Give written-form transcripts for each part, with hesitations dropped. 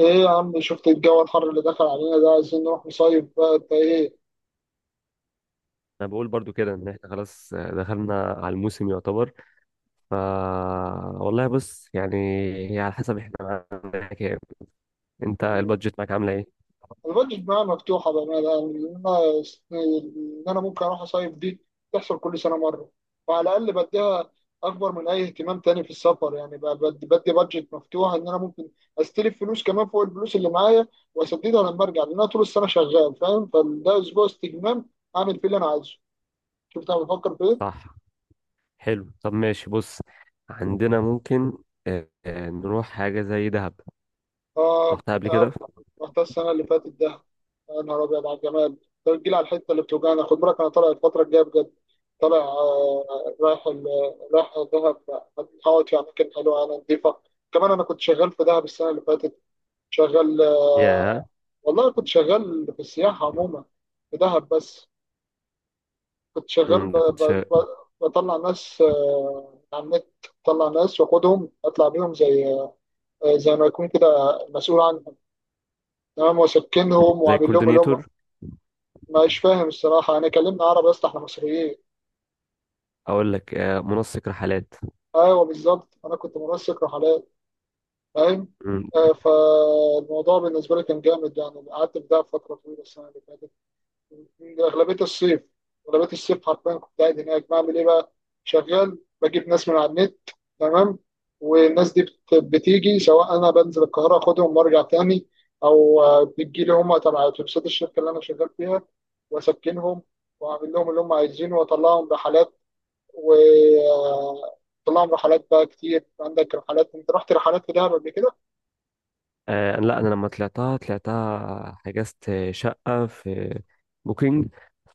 ايه يا عم، شفت الجو الحر اللي دخل علينا ده؟ عايزين نروح نصيف بقى، انت ايه؟ انا بقول برضو كده ان احنا خلاص دخلنا على الموسم يعتبر. ف والله بص يعني، هي على حسب احنا معانا كام. انت مم. البادجت معاك عامله ايه؟ انا البادجت معايا مفتوحه بقى، يعني ان انا ان انا ممكن اروح اصيف. دي تحصل كل سنه مره، وعلى الاقل بديها اكبر من اي اهتمام تاني في السفر، يعني بقى بدي بادجت مفتوحه، ان انا ممكن استلف فلوس كمان فوق الفلوس اللي معايا، واسددها لما ارجع، لان انا طول السنه شغال، فاهم؟ فده اسبوع استجمام اعمل فيه اللي انا عايزه. شفت انا بفكر في ايه؟ صح. حلو، طب ماشي، بص عندنا ممكن، نروح حاجه زي دهب. اه، رحتها قبل كده. ده رحت السنه اللي فاتت ده، يا نهار ابيض على الجمال. طب تجيلي على الحته اللي بتوجعني، خد بالك انا طالع الفتره الجايه بجد. طالع، رايح دهب، هقعد في اماكن حلوه انا، نظيفه. كمان انا كنت شغال في دهب السنه اللي فاتت. شغال، يا والله كنت شغال في السياحه عموما، في دهب بس. كنت شغال أمم، ده كنت ب... بطلع ناس على النت. بطلع ناس واخدهم اطلع بيهم زي، زي ما يكون كده مسؤول عنهم، تمام؟ وسكنهم زي وعامل لهم اللي هم. كوردينيتور. مش فاهم الصراحة، أنا كلمنا عربي يا اسطى، إحنا مصريين. اقول لك منسق رحلات. أيوه بالظبط، أنا كنت منسق رحلات، فاهم؟ فالموضوع بالنسبة لي كان جامد، يعني قعدت في دهب فترة طويلة السنة اللي فاتت. أغلبية الصيف أغلبية الصيف حرفيا كنت قاعد هناك، بعمل إيه بقى؟ شغال بجيب ناس من على النت، تمام. والناس دي بتيجي، سواء أنا بنزل القاهرة أخدهم وأرجع تاني، أو بتجيلي هم تبع أتوبيسات الشركة اللي أنا شغال فيها، وأسكنهم، واعمل لهم اللي هم عايزينه، واطلعهم رحلات. وطلعهم رحلات بقى كتير، عندك رحلات انت؟ رحت رحلات في دهب قبل كده؟ آه لا، انا لما طلعتها طلعتها حجزت شقه في بوكينج.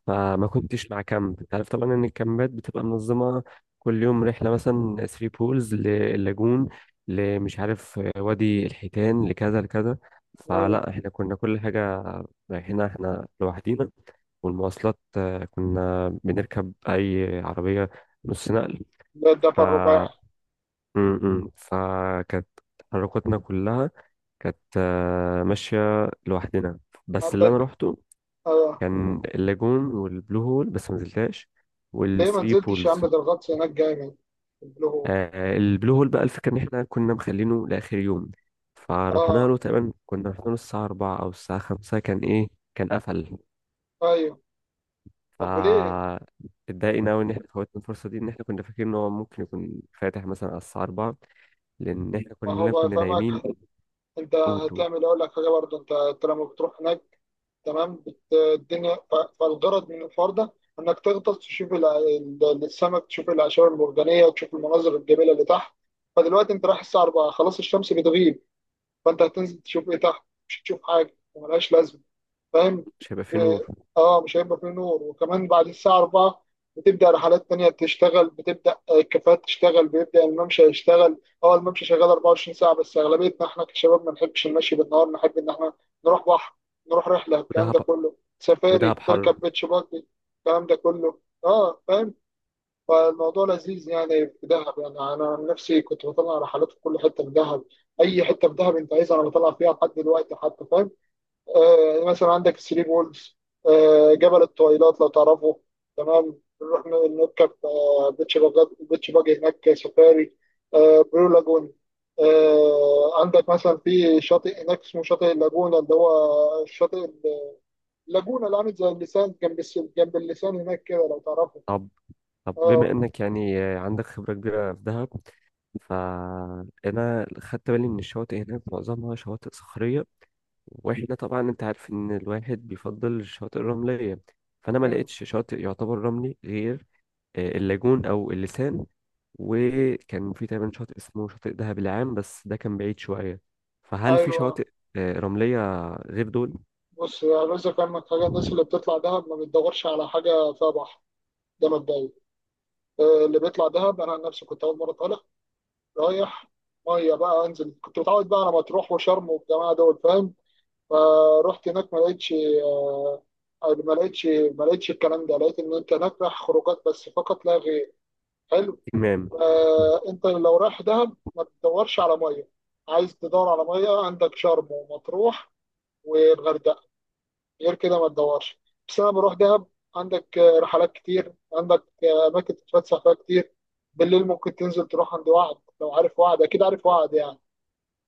فما كنتش مع كامب، انت عارف طبعا ان الكامبات بتبقى منظمه، كل يوم رحله، مثلا ثري بولز للاجون، لمش عارف وادي الحيتان لكذا لكذا. مم. فلا احنا كنا كل حاجه رايحينها احنا لوحدينا، والمواصلات كنا بنركب اي عربيه نص نقل. ده ف الدفع الرباعي. م- م. فكانت تحركاتنا كلها كانت ماشية لوحدنا. بس اللي أنا عندك، روحته اه. كان اللاجون والبلو هول، بس ما نزلتهاش، ليه ما والثري نزلتش يا عم؟ بولز. ده الغطس هناك جامد، اللي هو، البلو هول بقى، الفكرة إن إحنا كنا مخلينه لآخر يوم، فروحنا اه، له تقريبا، كنا رحنا له الساعة 4 أو الساعة 5، كان إيه، كان قفل. ايوه. طب وليه؟ فا اتضايقنا أوي إن إحنا فوتنا الفرصة دي، إن إحنا كنا فاكرين إن هو ممكن يكون فاتح مثلا على الساعة 4، لأن إحنا ما هو كنا بقى كنا فاهمك، نايمين. انت قول قول. هتعمل، اقول لك حاجه برضه، انت لما بتروح هناك، تمام. الدنيا، فالغرض من الحوار ده انك تغطس، تشوف السمك، تشوف الاعشاب المرجانيه، وتشوف المناظر الجميله اللي تحت. فدلوقتي انت رايح الساعه 4، خلاص الشمس بتغيب، فانت هتنزل تشوف ايه تحت؟ مش هتشوف حاجه، وملهاش لازمه، فاهم؟ مش هيبقى فيه نور. في- اه، مش هيبقى فيه نور. وكمان بعد الساعه 4 بتبدا رحلات تانية تشتغل، بتبدا الكافيهات تشتغل، بيبدا الممشى يشتغل. اه، الممشى شغال 24 ساعه، بس اغلبيتنا احنا كشباب ما نحبش المشي بالنهار، نحب ان احنا نروح بحر، نروح رحله، الكلام ودهب ده كله سفاري، ودهب حر. تركب بيتش باجي، الكلام ده كله. اه، فاهم. فالموضوع لذيذ يعني، في دهب. يعني انا عن نفسي كنت بطلع رحلات في كل حته في دهب. اي حته في دهب انت عايزها انا بطلع فيها لحد دلوقتي حتى، فاهم؟ آه، مثلا عندك الثري بولز، آه، جبل الطويلات لو تعرفه. تمام، نروح نركب بيتش باجي، بيتش باجي هناك سفاري. آه، برو لاجون. آه، عندك مثلا في شاطئ هناك اسمه شاطئ اللاجونة، اللي هو الشاطئ اللاجونة اللي عامل زي اللسان، جنب اللسان هناك كده لو تعرفه. طب طب بما اه، انك يعني عندك خبرة كبيرة في دهب، فانا خدت بالي ان الشواطئ هناك معظمها شواطئ صخرية، واحنا طبعا انت عارف ان الواحد بيفضل الشواطئ الرملية، فانا ما مم. لقيتش شاطئ يعتبر رملي غير اللاجون او اللسان. وكان في تقريبا شاطئ اسمه شاطئ دهب العام، بس ده كان بعيد شوية. فهل في ايوه. شواطئ رملية غير دول؟ بص يا رزق، فاهمك حاجة، الناس اللي بتطلع دهب ما بتدورش على حاجة فيها بحر، ده مبدئيا. اللي بيطلع دهب أنا عن نفسي كنت أول مرة طالع، رايح، مية بقى أنزل، كنت متعود بقى على مطروح وشرم والجماعة دول، فاهم. فروحت هناك ما لقيتش الكلام ده، لقيت إن أنت هناك رايح خروجات بس، فقط لا غير. حلو. تمام. فأنت لو رايح دهب ما بتدورش على مية، عايز تدور على مية عندك شرم ومطروح والغردقة، غير كده ما تدورش. بس انا بروح دهب، عندك رحلات كتير، عندك اماكن تتفسح فيها كتير. بالليل ممكن تنزل تروح عند وعد، لو عارف وعد، اكيد عارف وعد يعني.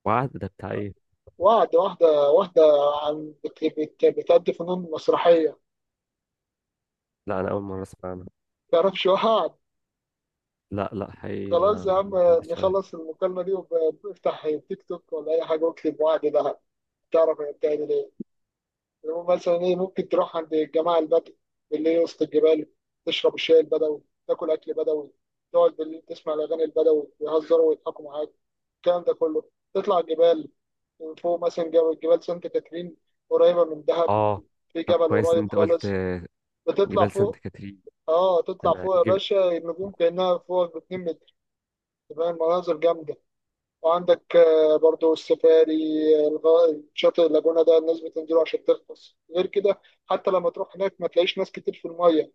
وعد ده بتاع ايه؟ وعد، واحده واحده، عن بتأدي فنون مسرحيه. لا، انا اول مرة اسمع عنها. تعرفش وعد؟ لا لا، حقيقي خلاص يا ما عم، ما عدتش. نخلص المكالمه دي وافتح تيك توك ولا اي حاجه واكتب وعد دهب، تعرف هي بتعمل ايه. اللي هو مثلا ايه، ممكن تروح عند الجماعه البدو اللي هي وسط الجبال، تشرب الشاي البدوي، تاكل اكل بدوي، تقعد بالليل تسمع الاغاني البدوي، يهزروا ويضحكوا معاك، الكلام ده كله. تطلع جبال، من فوق مثلا جبال سانت كاترين، قريبه من دهب، اه. في طب جبل كويس ان قريب انت قلت خالص. بتطلع جبال سانت فوق، كاترين. اه تطلع انا فوق يا جب... باشا، النجوم كانها فوق ب 2 متر، تبقى المناظر جامده. وعندك برضو السفاري. شاطئ اللاجونة ده الناس بتنزله عشان تغطس، غير كده. حتى لما تروح هناك ما تلاقيش ناس كتير في المية،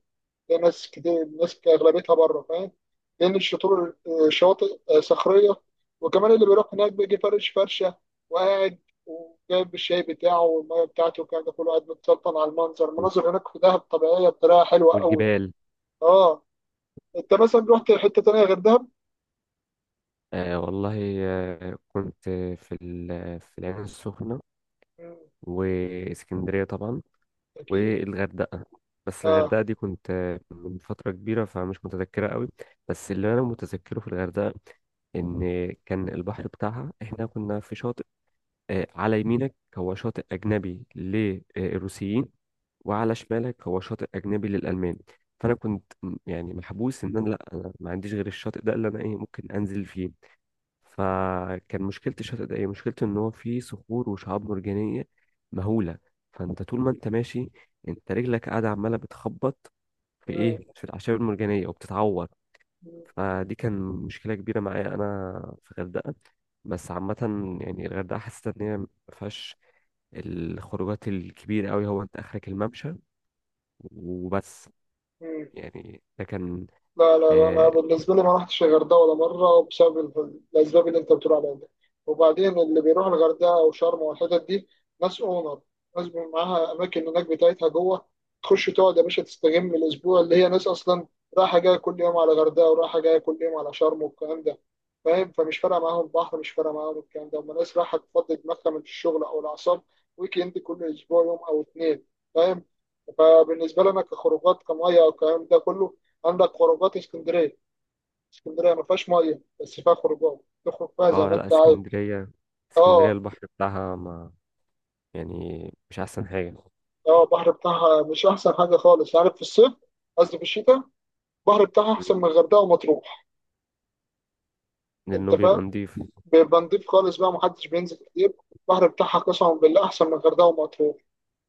تلاقي ناس كتير، ناس أغلبيتها بره، فاهم؟ لأن الشطور، شواطئ صخرية، وكمان اللي بيروح هناك بيجي فرش فرشة وقاعد، وجايب الشاي بتاعه والمية بتاعته والكلام ده كله، قاعد متسلطن على المنظر. المناظر هناك في دهب طبيعية بطريقة حلوة قوي. والجبال. اه، انت مثلا رحت حتة تانية غير دهب؟ آه والله، كنت في العين السخنة، مم، واسكندرية طبعا، أكيد، والغردقة. بس اه، الغردقة دي كنت من فترة كبيرة، فمش متذكرة قوي. بس اللي انا متذكره في الغردقة ان كان البحر بتاعها، احنا كنا في شاطئ على يمينك هو شاطئ أجنبي للروسيين، وعلى شمالك هو شاطئ أجنبي للألمان. فأنا كنت يعني محبوس، إن أنا لأ أنا ما عنديش غير الشاطئ ده اللي أنا إيه ممكن أنزل فيه. فكان مشكلة الشاطئ ده، إيه مشكلته؟ إن هو فيه صخور وشعاب مرجانية مهولة. فأنت طول ما أنت ماشي، أنت رجلك قاعدة عمالة بتخبط في مم، إيه، في الأعشاب المرجانية وبتتعور. مم، فدي كان مشكلة كبيرة معايا أنا في الغردقة. بس عامة يعني الغردقة حسيت إن هي ما فيهاش الخروجات الكبيرة قوي، هو انت اخرك الممشى وبس. مم. يعني ده كان. لا لا لا، انا اه. بالنسبه لي ما رحتش الغردقه ولا مره، بسبب الاسباب اللي انت بتقول عليها دي. وبعدين اللي بيروح الغردقه او شرم والحتت دي، ناس اونر، ناس بيبقى معاها اماكن هناك بتاعتها جوه، تخش تقعد يا باشا تستجم الاسبوع، اللي هي ناس اصلا رايحه جايه كل يوم على الغردقه، ورايحه جايه كل يوم على شرم والكلام ده، فاهم. فمش فارقه معاهم البحر، مش فارقه معاهم الكلام ده، هم ناس رايحه تفضي دماغها من الشغل او الاعصاب، ويك اند كل اسبوع يوم او اتنين، فاهم. فبالنسبه لنا كخروجات كميه والكلام ده كله، عندك خروجات اسكندريه. اسكندريه ما فيهاش ميه، بس فيها خروجات تخرج فيها زي ما لا، انت عايز. اسكندرية، اسكندرية اه، البحر بتاعها ما، يعني مش احسن حاجة. اه، البحر بتاعها مش احسن حاجه خالص، عارف، في الصيف. قصدي في الشتاء البحر بتاعها مم. احسن من الغردقه ومطروح، انت لانه بيبقى فاهم، نضيف. بيبقى نضيف خالص بقى، محدش بينزل كتير. البحر بتاعها قسما بالله احسن من الغردقه ومطروح.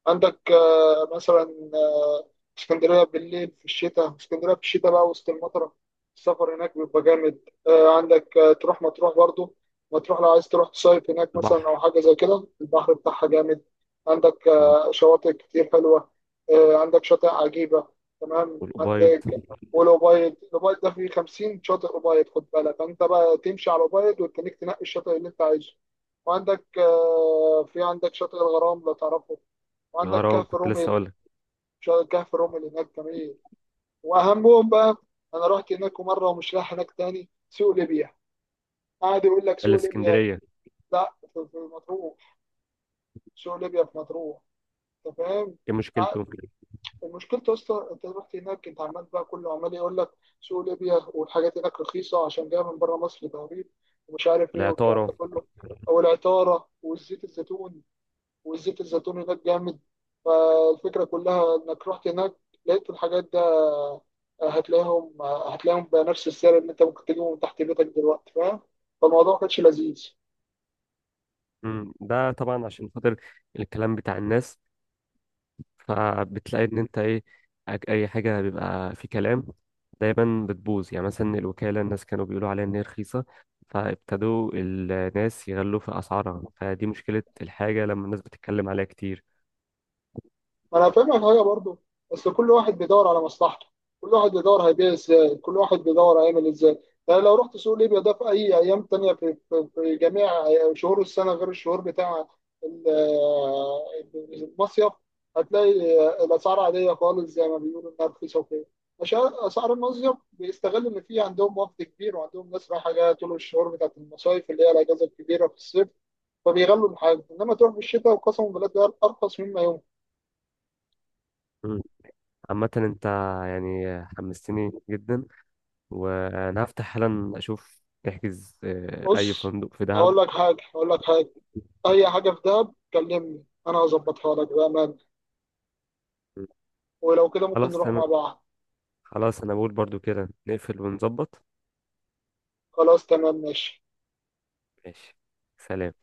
عندك مثلا، آه، اسكندرية بالليل في الشتاء، اسكندرية في الشتاء بقى وسط المطرة، السفر هناك بيبقى جامد. عندك تروح مطروح برضو، مطروح لو عايز تروح تصيف هناك مثلا البحر. أو حاجة زي كده، البحر بتاعها جامد. عندك مم. شواطئ كتير حلوة، عندك شاطئ عجيبة، تمام. والأبيض. عندك الأوبايد ده فيه 50 شاطئ أوبايد، خد بالك أنت بقى تمشي على الأوبايد وتخليك تنقي الشاطئ اللي أنت عايزه. وعندك آه، في عندك شاطئ الغرام لو تعرفه، وعندك الغرام كهف كنت لسه رومل، اقول لك. شاطئ كهف رومل هناك جميل، واهمهم بقى. انا رحت هناك مره ومش رايح هناك تاني، سوق ليبيا، قاعد يقول لك اللي سوق في ليبيا. اسكندرية. لا، في مطروح، سوق ليبيا في مطروح، انت فاهم. ايه قاعد- مشكلته؟ المشكلة يا اسطى، انت رحت هناك انت عمال بقى، كله عمال يقول لك سوق ليبيا والحاجات هناك رخيصة عشان جاية من بره مصر تقريبا، ومش عارف ايه والكلام العطارة. ده كله، او العطارة، والزيت الزيتون، والزيت الزيتون هناك جامد. فالفكرة كلها انك رحت هناك لقيت الحاجات دي، هتلاقيهم بنفس السعر اللي انت ممكن تجيبه من تحت بيتك دلوقتي، فاهم. فالموضوع ما كانش لذيذ. ده طبعا عشان خاطر الكلام بتاع الناس، فبتلاقي ان انت ايه، اي حاجه بيبقى في كلام دايما بتبوظ. يعني مثلا الوكاله، الناس كانوا بيقولوا عليها ان هي رخيصه، فابتدوا الناس يغلوا في اسعارها، فدي مشكله الحاجه لما الناس بتتكلم عليها كتير. ما انا فاهمك حاجه برضو، بس كل واحد بيدور على مصلحته، كل واحد بيدور هيبيع ازاي، كل واحد بيدور هيعمل ازاي. يعني لو رحت سوق ليبيا ده في اي ايام تانية، في جميع شهور السنه غير الشهور بتاع ال- المصيف، هتلاقي الاسعار عاديه خالص زي ما بيقولوا انها رخيصه وكده. عشان اسعار المصيف بيستغل ان في عندهم وقت كبير، وعندهم ناس رايحه جايه طول الشهور بتاعت المصايف، اللي هي الاجازه الكبيره في الصيف، فبيغلوا الحاجه. انما تروح في الشتاء وقسما بالله ده ارخص مما يوم. مم. عامه انت يعني حمستني جدا، وانا هفتح حالا اشوف نحجز اي بص، فندق في دهب. هقول لك حاجة هقول لك حاجة، أي حاجة في دهب كلمني أنا هظبطها لك بأمان، مم. ولو كده ممكن خلاص نروح مع تمام. بعض. خلاص انا بقول برضو كده نقفل ونظبط. خلاص تمام ماشي. ماشي. سلام.